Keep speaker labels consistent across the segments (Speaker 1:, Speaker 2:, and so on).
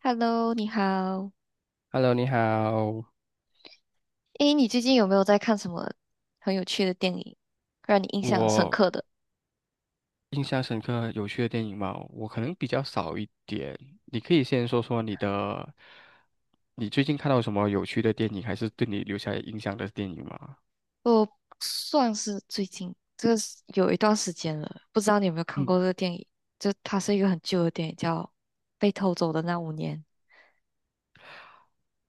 Speaker 1: Hello，你好。
Speaker 2: Hello，你好。
Speaker 1: 诶，你最近有没有在看什么很有趣的电影，让你印象深刻
Speaker 2: 我
Speaker 1: 的？
Speaker 2: 印象深刻有趣的电影嘛，我可能比较少一点。你可以先说说你的，你最近看到什么有趣的电影，还是对你留下印象的电影吗？
Speaker 1: 我算是最近，这个是有一段时间了，不知道你有没有看
Speaker 2: 嗯，
Speaker 1: 过这个电影？就它是一个很旧的电影，叫《被偷走的那五年》。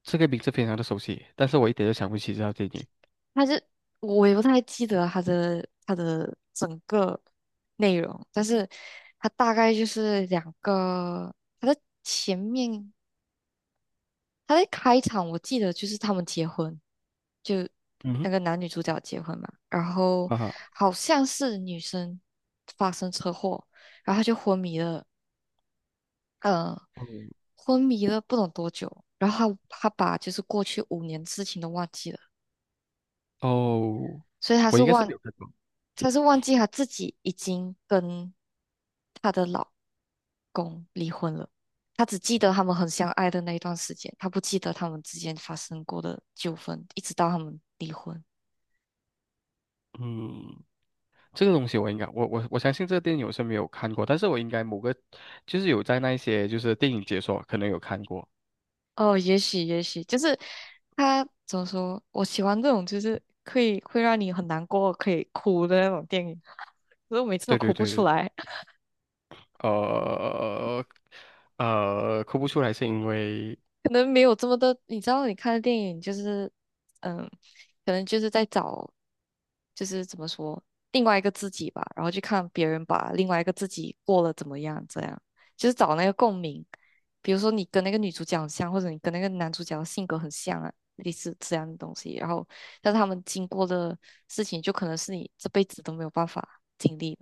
Speaker 2: 这个名字非常的熟悉，但是我一点都想不起这套电影。
Speaker 1: 它是我也不太记得它的整个内容，但是它大概就是两个，它的前面他在开场，我记得就是他们结婚，就
Speaker 2: 嗯
Speaker 1: 那
Speaker 2: 哼。
Speaker 1: 个男女主角结婚嘛，然后
Speaker 2: 啊哈。
Speaker 1: 好像是女生发生车祸，然后他就昏迷了，呃，
Speaker 2: 哦
Speaker 1: 昏迷了不懂多久，然后他把就是过去五年事情都忘记了。
Speaker 2: 哦，
Speaker 1: 所以
Speaker 2: 我应该是没有看过。
Speaker 1: 他是忘记他自己已经跟他的老公离婚了，他只记得他们很相爱的那一段时间，他不记得他们之间发生过的纠纷，一直到他们离婚。
Speaker 2: 嗯，这个东西我应该，我相信这个电影我是没有看过，但是我应该某个就是有在那一些就是电影解说可能有看过。
Speaker 1: 哦，也许,就是他怎么说？我喜欢这种，就是可以会让你很难过，可以哭的那种电影。可是我每次都
Speaker 2: 对
Speaker 1: 哭
Speaker 2: 对
Speaker 1: 不
Speaker 2: 对
Speaker 1: 出
Speaker 2: 对。
Speaker 1: 来。
Speaker 2: 呃哭不出来是因为，
Speaker 1: 可能没有这么多，你知道，你看的电影就是，嗯，可能就是在找，就是怎么说，另外一个自己吧，然后去看别人把另外一个自己过了怎么样，这样就是找那个共鸣。比如说你跟那个女主角很像，或者你跟那个男主角性格很像啊，类似这样的东西。然后，但是他们经过的事情，就可能是你这辈子都没有办法经历的。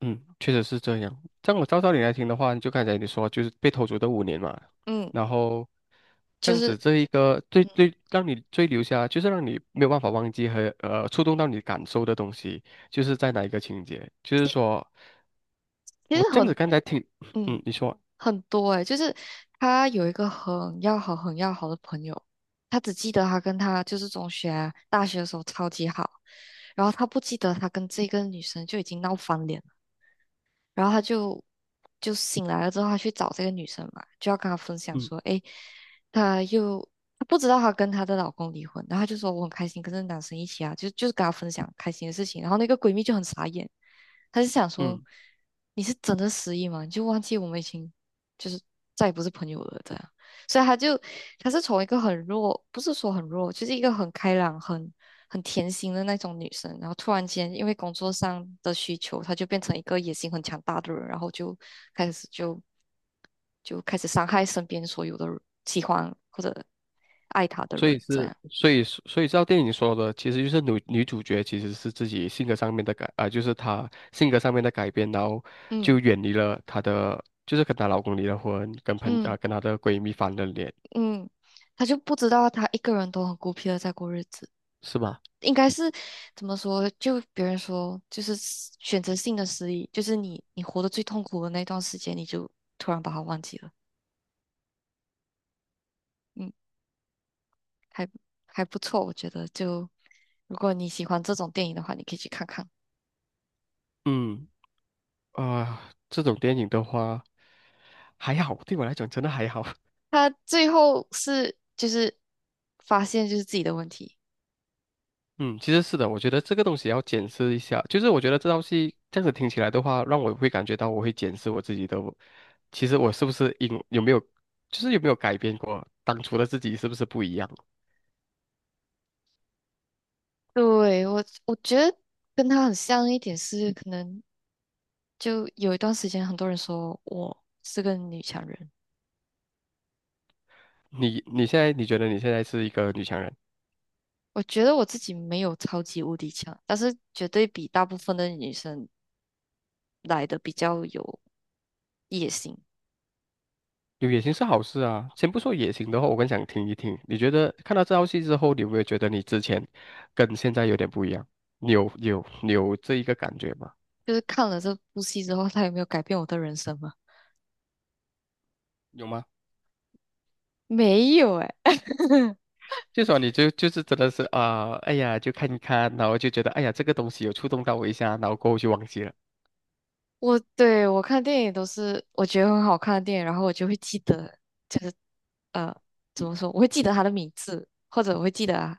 Speaker 2: 嗯，确实是这样。这样我照道理来听的话，就刚才你说，就是被偷走的五年嘛，
Speaker 1: 嗯，
Speaker 2: 然后这
Speaker 1: 就
Speaker 2: 样子
Speaker 1: 是，
Speaker 2: 这一个最
Speaker 1: 嗯，
Speaker 2: 最让你最留下，就是让你没有办法忘记和触动到你感受的东西，就是在哪一个情节？就是
Speaker 1: 其
Speaker 2: 说
Speaker 1: 其实
Speaker 2: 我这样子
Speaker 1: 很，
Speaker 2: 刚才听，
Speaker 1: 嗯。
Speaker 2: 嗯，你说，
Speaker 1: 很多诶、就是他有一个很要好、很要好的朋友，他只记得他跟他就是中学啊大学的时候超级好，然后他不记得他跟这个女生就已经闹翻脸。然后她就醒来了之后，她去找这个女生嘛，就要跟她分享
Speaker 2: 嗯
Speaker 1: 说，诶，她又他不知道她跟她的老公离婚，然后他就说我很开心跟这个男生一起啊，就是跟她分享开心的事情，然后那个闺蜜就很傻眼，她就想说
Speaker 2: 嗯。
Speaker 1: 你是真的失忆吗？你就忘记我们已经就是再也不是朋友了，这样。所以他是从一个很弱，不是说很弱，就是一个很开朗、很甜心的那种女生，然后突然间因为工作上的需求，她就变成一个野心很强大的人，然后就开始就开始伤害身边所有的人喜欢或者爱她的
Speaker 2: 所以
Speaker 1: 人，这
Speaker 2: 是，
Speaker 1: 样，
Speaker 2: 所以照电影说的，其实就是女主角其实是自己性格上面的就是她性格上面的改变，然后
Speaker 1: 嗯
Speaker 2: 就远离了她的，就是跟她老公离了婚，跟
Speaker 1: 嗯
Speaker 2: 跟她的闺蜜翻了脸，
Speaker 1: 嗯，他就不知道他一个人都很孤僻的在过日子。
Speaker 2: 是吧？
Speaker 1: 应该是怎么说？就别人说，就是失选择性的失忆，就是你活得最痛苦的那段时间，你就突然把它忘记了。嗯，还还不错，我觉得就如果你喜欢这种电影的话，你可以去看看。
Speaker 2: 嗯。这种电影的话还好，对我来讲真的还好。
Speaker 1: 他最后是就是发现就是自己的问题。
Speaker 2: 嗯，其实是的，我觉得这个东西要检视一下。就是我觉得这道戏这样子听起来的话，让我会感觉到我会检视我自己的我其实我是不是有没有，就是有没有改变过当初的自己是不是不一样？
Speaker 1: 对，我觉得跟他很像一点是，可能就有一段时间很多人说我是个女强人。
Speaker 2: 你觉得你现在是一个女强人。
Speaker 1: 我觉得我自己没有超级无敌强，但是绝对比大部分的女生来的比较有野心。
Speaker 2: 有野心是好事啊。先不说野心的话，我更想听一听，你觉得看到这道戏之后，你有没有觉得你之前跟现在有点不一样？你有这一个感觉吗？
Speaker 1: 就是看了这部戏之后，它有没有改变我的人生吗？
Speaker 2: 有吗？
Speaker 1: 没有诶，
Speaker 2: 就说你就是真的哎呀，就看一看，然后就觉得哎呀，这个东西有触动到我一下，然后过后就忘记了。
Speaker 1: 我对我看电影都是我觉得很好看的电影，然后我就会记得，就是呃，怎
Speaker 2: 嗯。
Speaker 1: 么说？我会记得他的名字，或者我会记得啊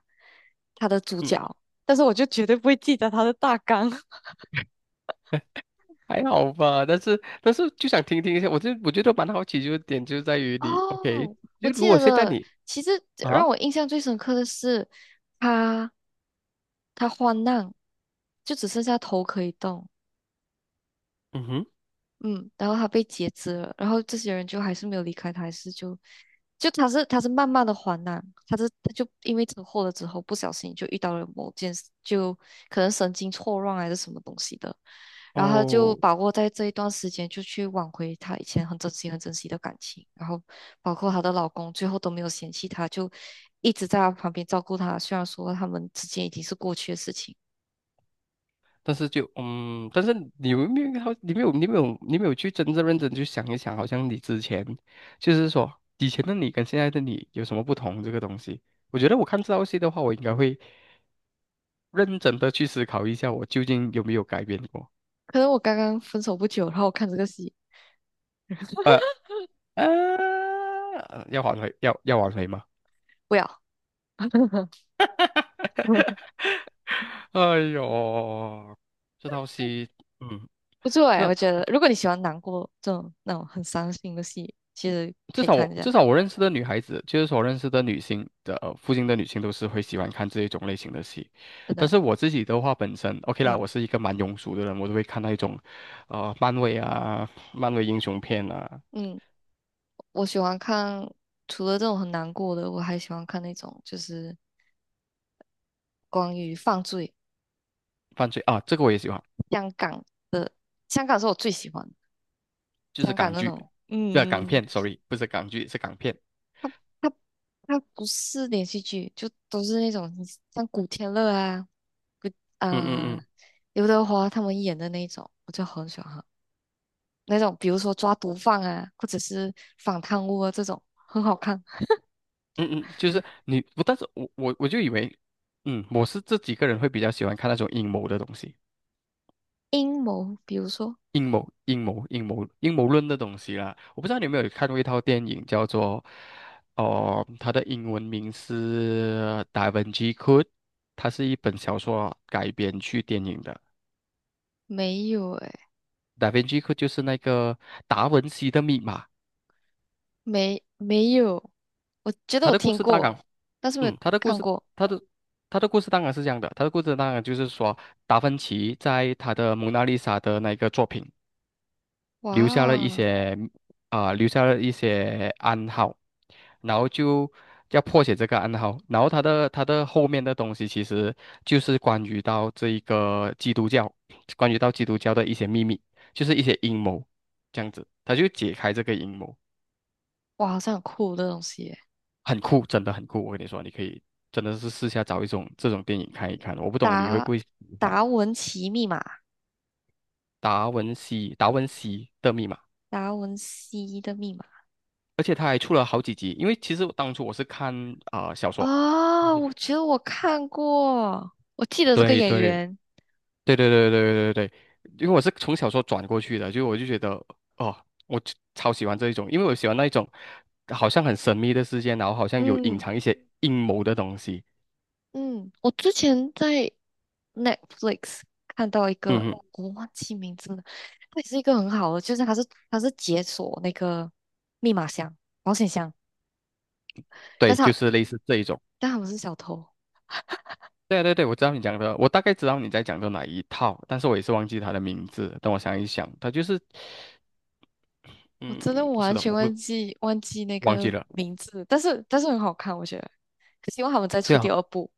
Speaker 1: 他的主
Speaker 2: 嗯，
Speaker 1: 角，但是我就绝对不会记得他的大纲。
Speaker 2: 还好吧，但是就想听听一下，我就我觉得蛮好奇，就在于你，OK，
Speaker 1: 哦，我
Speaker 2: 就如
Speaker 1: 记
Speaker 2: 果
Speaker 1: 得
Speaker 2: 现在
Speaker 1: 了。
Speaker 2: 你
Speaker 1: 其实让
Speaker 2: 啊。
Speaker 1: 我印象最深刻的是，他他患难，就只剩下头可以动，
Speaker 2: 嗯哼。
Speaker 1: 嗯，然后他被截肢了，然后这些人就还是没有离开他，还是就他是慢慢的患难，他就因为车祸了之后，不小心就遇到了某件事，就可能神经错乱还是什么东西的，然后他就
Speaker 2: 哦，
Speaker 1: 把握在这一段时间，就去挽回她以前很珍惜、很珍惜的感情。然后，包括她的老公，最后都没有嫌弃她，就一直在她旁边照顾她。虽然说他们之间已经是过去的事情，
Speaker 2: 但是但是你有没有好，你没有去真正认真去想一想，好像你之前就是说以前的你跟现在的你有什么不同这个东西？我觉得我看这道戏的话，我应该会认真的去思考一下，我究竟有没有改变过？
Speaker 1: 可能我刚刚分手不久，然后我看这个戏，
Speaker 2: 呃要挽回，要挽回吗？
Speaker 1: 不要，
Speaker 2: 哎呦，这套戏，嗯，
Speaker 1: 不错
Speaker 2: 至
Speaker 1: 哎，我
Speaker 2: 少
Speaker 1: 觉得如果你喜欢难过这种那种很伤心的戏，其实
Speaker 2: 至
Speaker 1: 可以
Speaker 2: 少
Speaker 1: 看
Speaker 2: 我
Speaker 1: 一下，
Speaker 2: 至少我认识的女孩子，就是说我认识的女性的、呃附近的女性都是会喜欢看这一种类型的戏。
Speaker 1: 真
Speaker 2: 但
Speaker 1: 的。
Speaker 2: 是我自己的话，本身 OK 啦，
Speaker 1: 嗯
Speaker 2: 我是一个蛮庸俗的人，我都会看那一种，漫威啊，漫威英雄片啊。
Speaker 1: 嗯，我喜欢看，除了这种很难过的，我还喜欢看那种就是关于犯罪。
Speaker 2: 犯罪啊，这个我也喜欢。
Speaker 1: 香港香港是我最喜欢的
Speaker 2: 就是
Speaker 1: 香港
Speaker 2: 港
Speaker 1: 那
Speaker 2: 剧，
Speaker 1: 种，
Speaker 2: 对啊，港
Speaker 1: 嗯，
Speaker 2: 片，sorry，不是港剧，是港片。
Speaker 1: 它它不是连续剧，就都是那种像古天乐啊，古
Speaker 2: 嗯嗯
Speaker 1: 呃
Speaker 2: 嗯。
Speaker 1: 刘德华他们演的那种，我就很喜欢看那种，比如说抓毒贩啊，或者是反贪污啊这种，很好看。
Speaker 2: 嗯嗯，就是你不，但是我就以为，嗯，我是这几个人会比较喜欢看那种阴谋的东西，
Speaker 1: 阴谋，比如说
Speaker 2: 阴谋论的东西啦。我不知道你有没有看过一套电影叫做，哦、它的英文名是《Da v i n c Code》，它是一本小说改编去电影的，
Speaker 1: 没有诶，
Speaker 2: 《Da v i n c Code》就是那个达文西的密码。
Speaker 1: 没有，我觉得
Speaker 2: 他
Speaker 1: 我
Speaker 2: 的故
Speaker 1: 听
Speaker 2: 事大
Speaker 1: 过，
Speaker 2: 纲，
Speaker 1: 但是没有
Speaker 2: 嗯，他的故
Speaker 1: 看
Speaker 2: 事，
Speaker 1: 过。
Speaker 2: 他的他的故事当然是这样的，他的故事当然就是说，达芬奇在他的《蒙娜丽莎》的那个作品留下了一
Speaker 1: 哇，
Speaker 2: 些，留下了一些暗号，然后就要破解这个暗号，然后他的后面的东西其实就是关于到这一个基督教，关于到基督教的一些秘密，就是一些阴谋，这样子他就解开这个阴谋。
Speaker 1: 哇，好像很酷的东西耶。
Speaker 2: 很酷，真的很酷。我跟你说，你可以真的是试下找一种这种电影看一看。我不懂你会不
Speaker 1: 达
Speaker 2: 会喜欢。
Speaker 1: 达文奇密码，
Speaker 2: 达文西的密码，
Speaker 1: 达文西的密码
Speaker 2: 而且他还出了好几集。因为其实当初我是看小说。
Speaker 1: 啊，
Speaker 2: 对
Speaker 1: 我觉得我看过，我记得这个
Speaker 2: 对
Speaker 1: 演
Speaker 2: 对对
Speaker 1: 员，
Speaker 2: 对对对对对对，因为我是从小说转过去的，就我就觉得哦，我就超喜欢这一种，因为我喜欢那一种好像很神秘的世界，然后好像有隐
Speaker 1: 嗯
Speaker 2: 藏一些阴谋的东西。
Speaker 1: 嗯，我之前在 Netflix 看到一
Speaker 2: 嗯
Speaker 1: 个，
Speaker 2: 哼。
Speaker 1: 我忘记名字了，它也是一个很好的，就是它是解锁那个密码箱、保险箱，但
Speaker 2: 对，
Speaker 1: 是
Speaker 2: 就
Speaker 1: 它
Speaker 2: 是类似这一种。
Speaker 1: 但他们是小偷，
Speaker 2: 对啊对对，我知道你讲的，我大概知道你在讲的哪一套，但是我也是忘记它的名字。等我想一想，它就是，
Speaker 1: 我
Speaker 2: 嗯，
Speaker 1: 真的
Speaker 2: 是
Speaker 1: 完
Speaker 2: 的，
Speaker 1: 全
Speaker 2: 我会
Speaker 1: 忘记那
Speaker 2: 忘记
Speaker 1: 个
Speaker 2: 了。
Speaker 1: 名字，但是很好看，我觉得，希望他们再
Speaker 2: 对
Speaker 1: 出第
Speaker 2: 啊，
Speaker 1: 二部。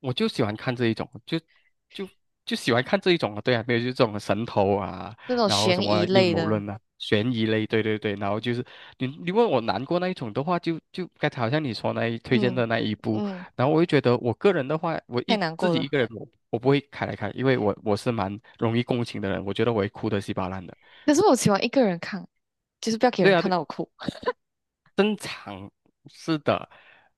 Speaker 2: 我就喜欢看这一种，就就喜欢看这一种啊。对啊，没有就是这种神头啊，
Speaker 1: 那种
Speaker 2: 然后
Speaker 1: 悬
Speaker 2: 什
Speaker 1: 疑
Speaker 2: 么阴
Speaker 1: 类
Speaker 2: 谋
Speaker 1: 的，
Speaker 2: 论啊，悬疑类，对对对。然后就是你你问我难过那一种的话，就刚才好像你说那一推荐
Speaker 1: 嗯
Speaker 2: 的那一部，
Speaker 1: 嗯，
Speaker 2: 然后我就觉得我个人的话，
Speaker 1: 太难
Speaker 2: 自
Speaker 1: 过
Speaker 2: 己一
Speaker 1: 了。
Speaker 2: 个人我不会开来看，因为我是蛮容易共情的人，我觉得我会哭得稀巴烂的。
Speaker 1: 可是我喜欢一个人看，就是不要给
Speaker 2: 对
Speaker 1: 人
Speaker 2: 啊，
Speaker 1: 看
Speaker 2: 对，
Speaker 1: 到我哭。
Speaker 2: 正常是的。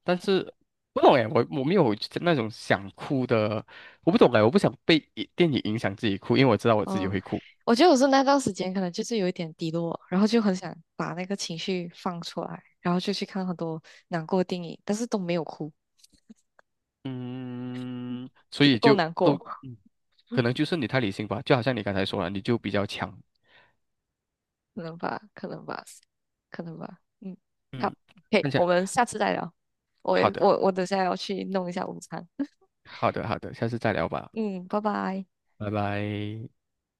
Speaker 2: 但是不懂哎，我我没有那种想哭的，我不懂哎，我不想被一电影影响自己哭，因为我知道我自己
Speaker 1: 嗯，
Speaker 2: 会哭，
Speaker 1: 我觉得我是那段时间可能就是有一点低落，然后就很想把那个情绪放出来，然后就去看很多难过的电影，但是都没有哭，
Speaker 2: 嗯，所
Speaker 1: 不
Speaker 2: 以
Speaker 1: 够
Speaker 2: 就
Speaker 1: 难
Speaker 2: 都
Speaker 1: 过，
Speaker 2: 嗯，可能就是你太理性吧，就好像你刚才说了，你就比较强。
Speaker 1: 可能吧，可能吧，可能吧。嗯，好
Speaker 2: 嗯，
Speaker 1: ，OK，
Speaker 2: 那享。
Speaker 1: 我们下次再聊。我
Speaker 2: 好
Speaker 1: 也
Speaker 2: 的，
Speaker 1: 我等下要去弄一下午餐。
Speaker 2: 好的，好的，下次再聊吧，
Speaker 1: 嗯，拜拜。
Speaker 2: 拜拜。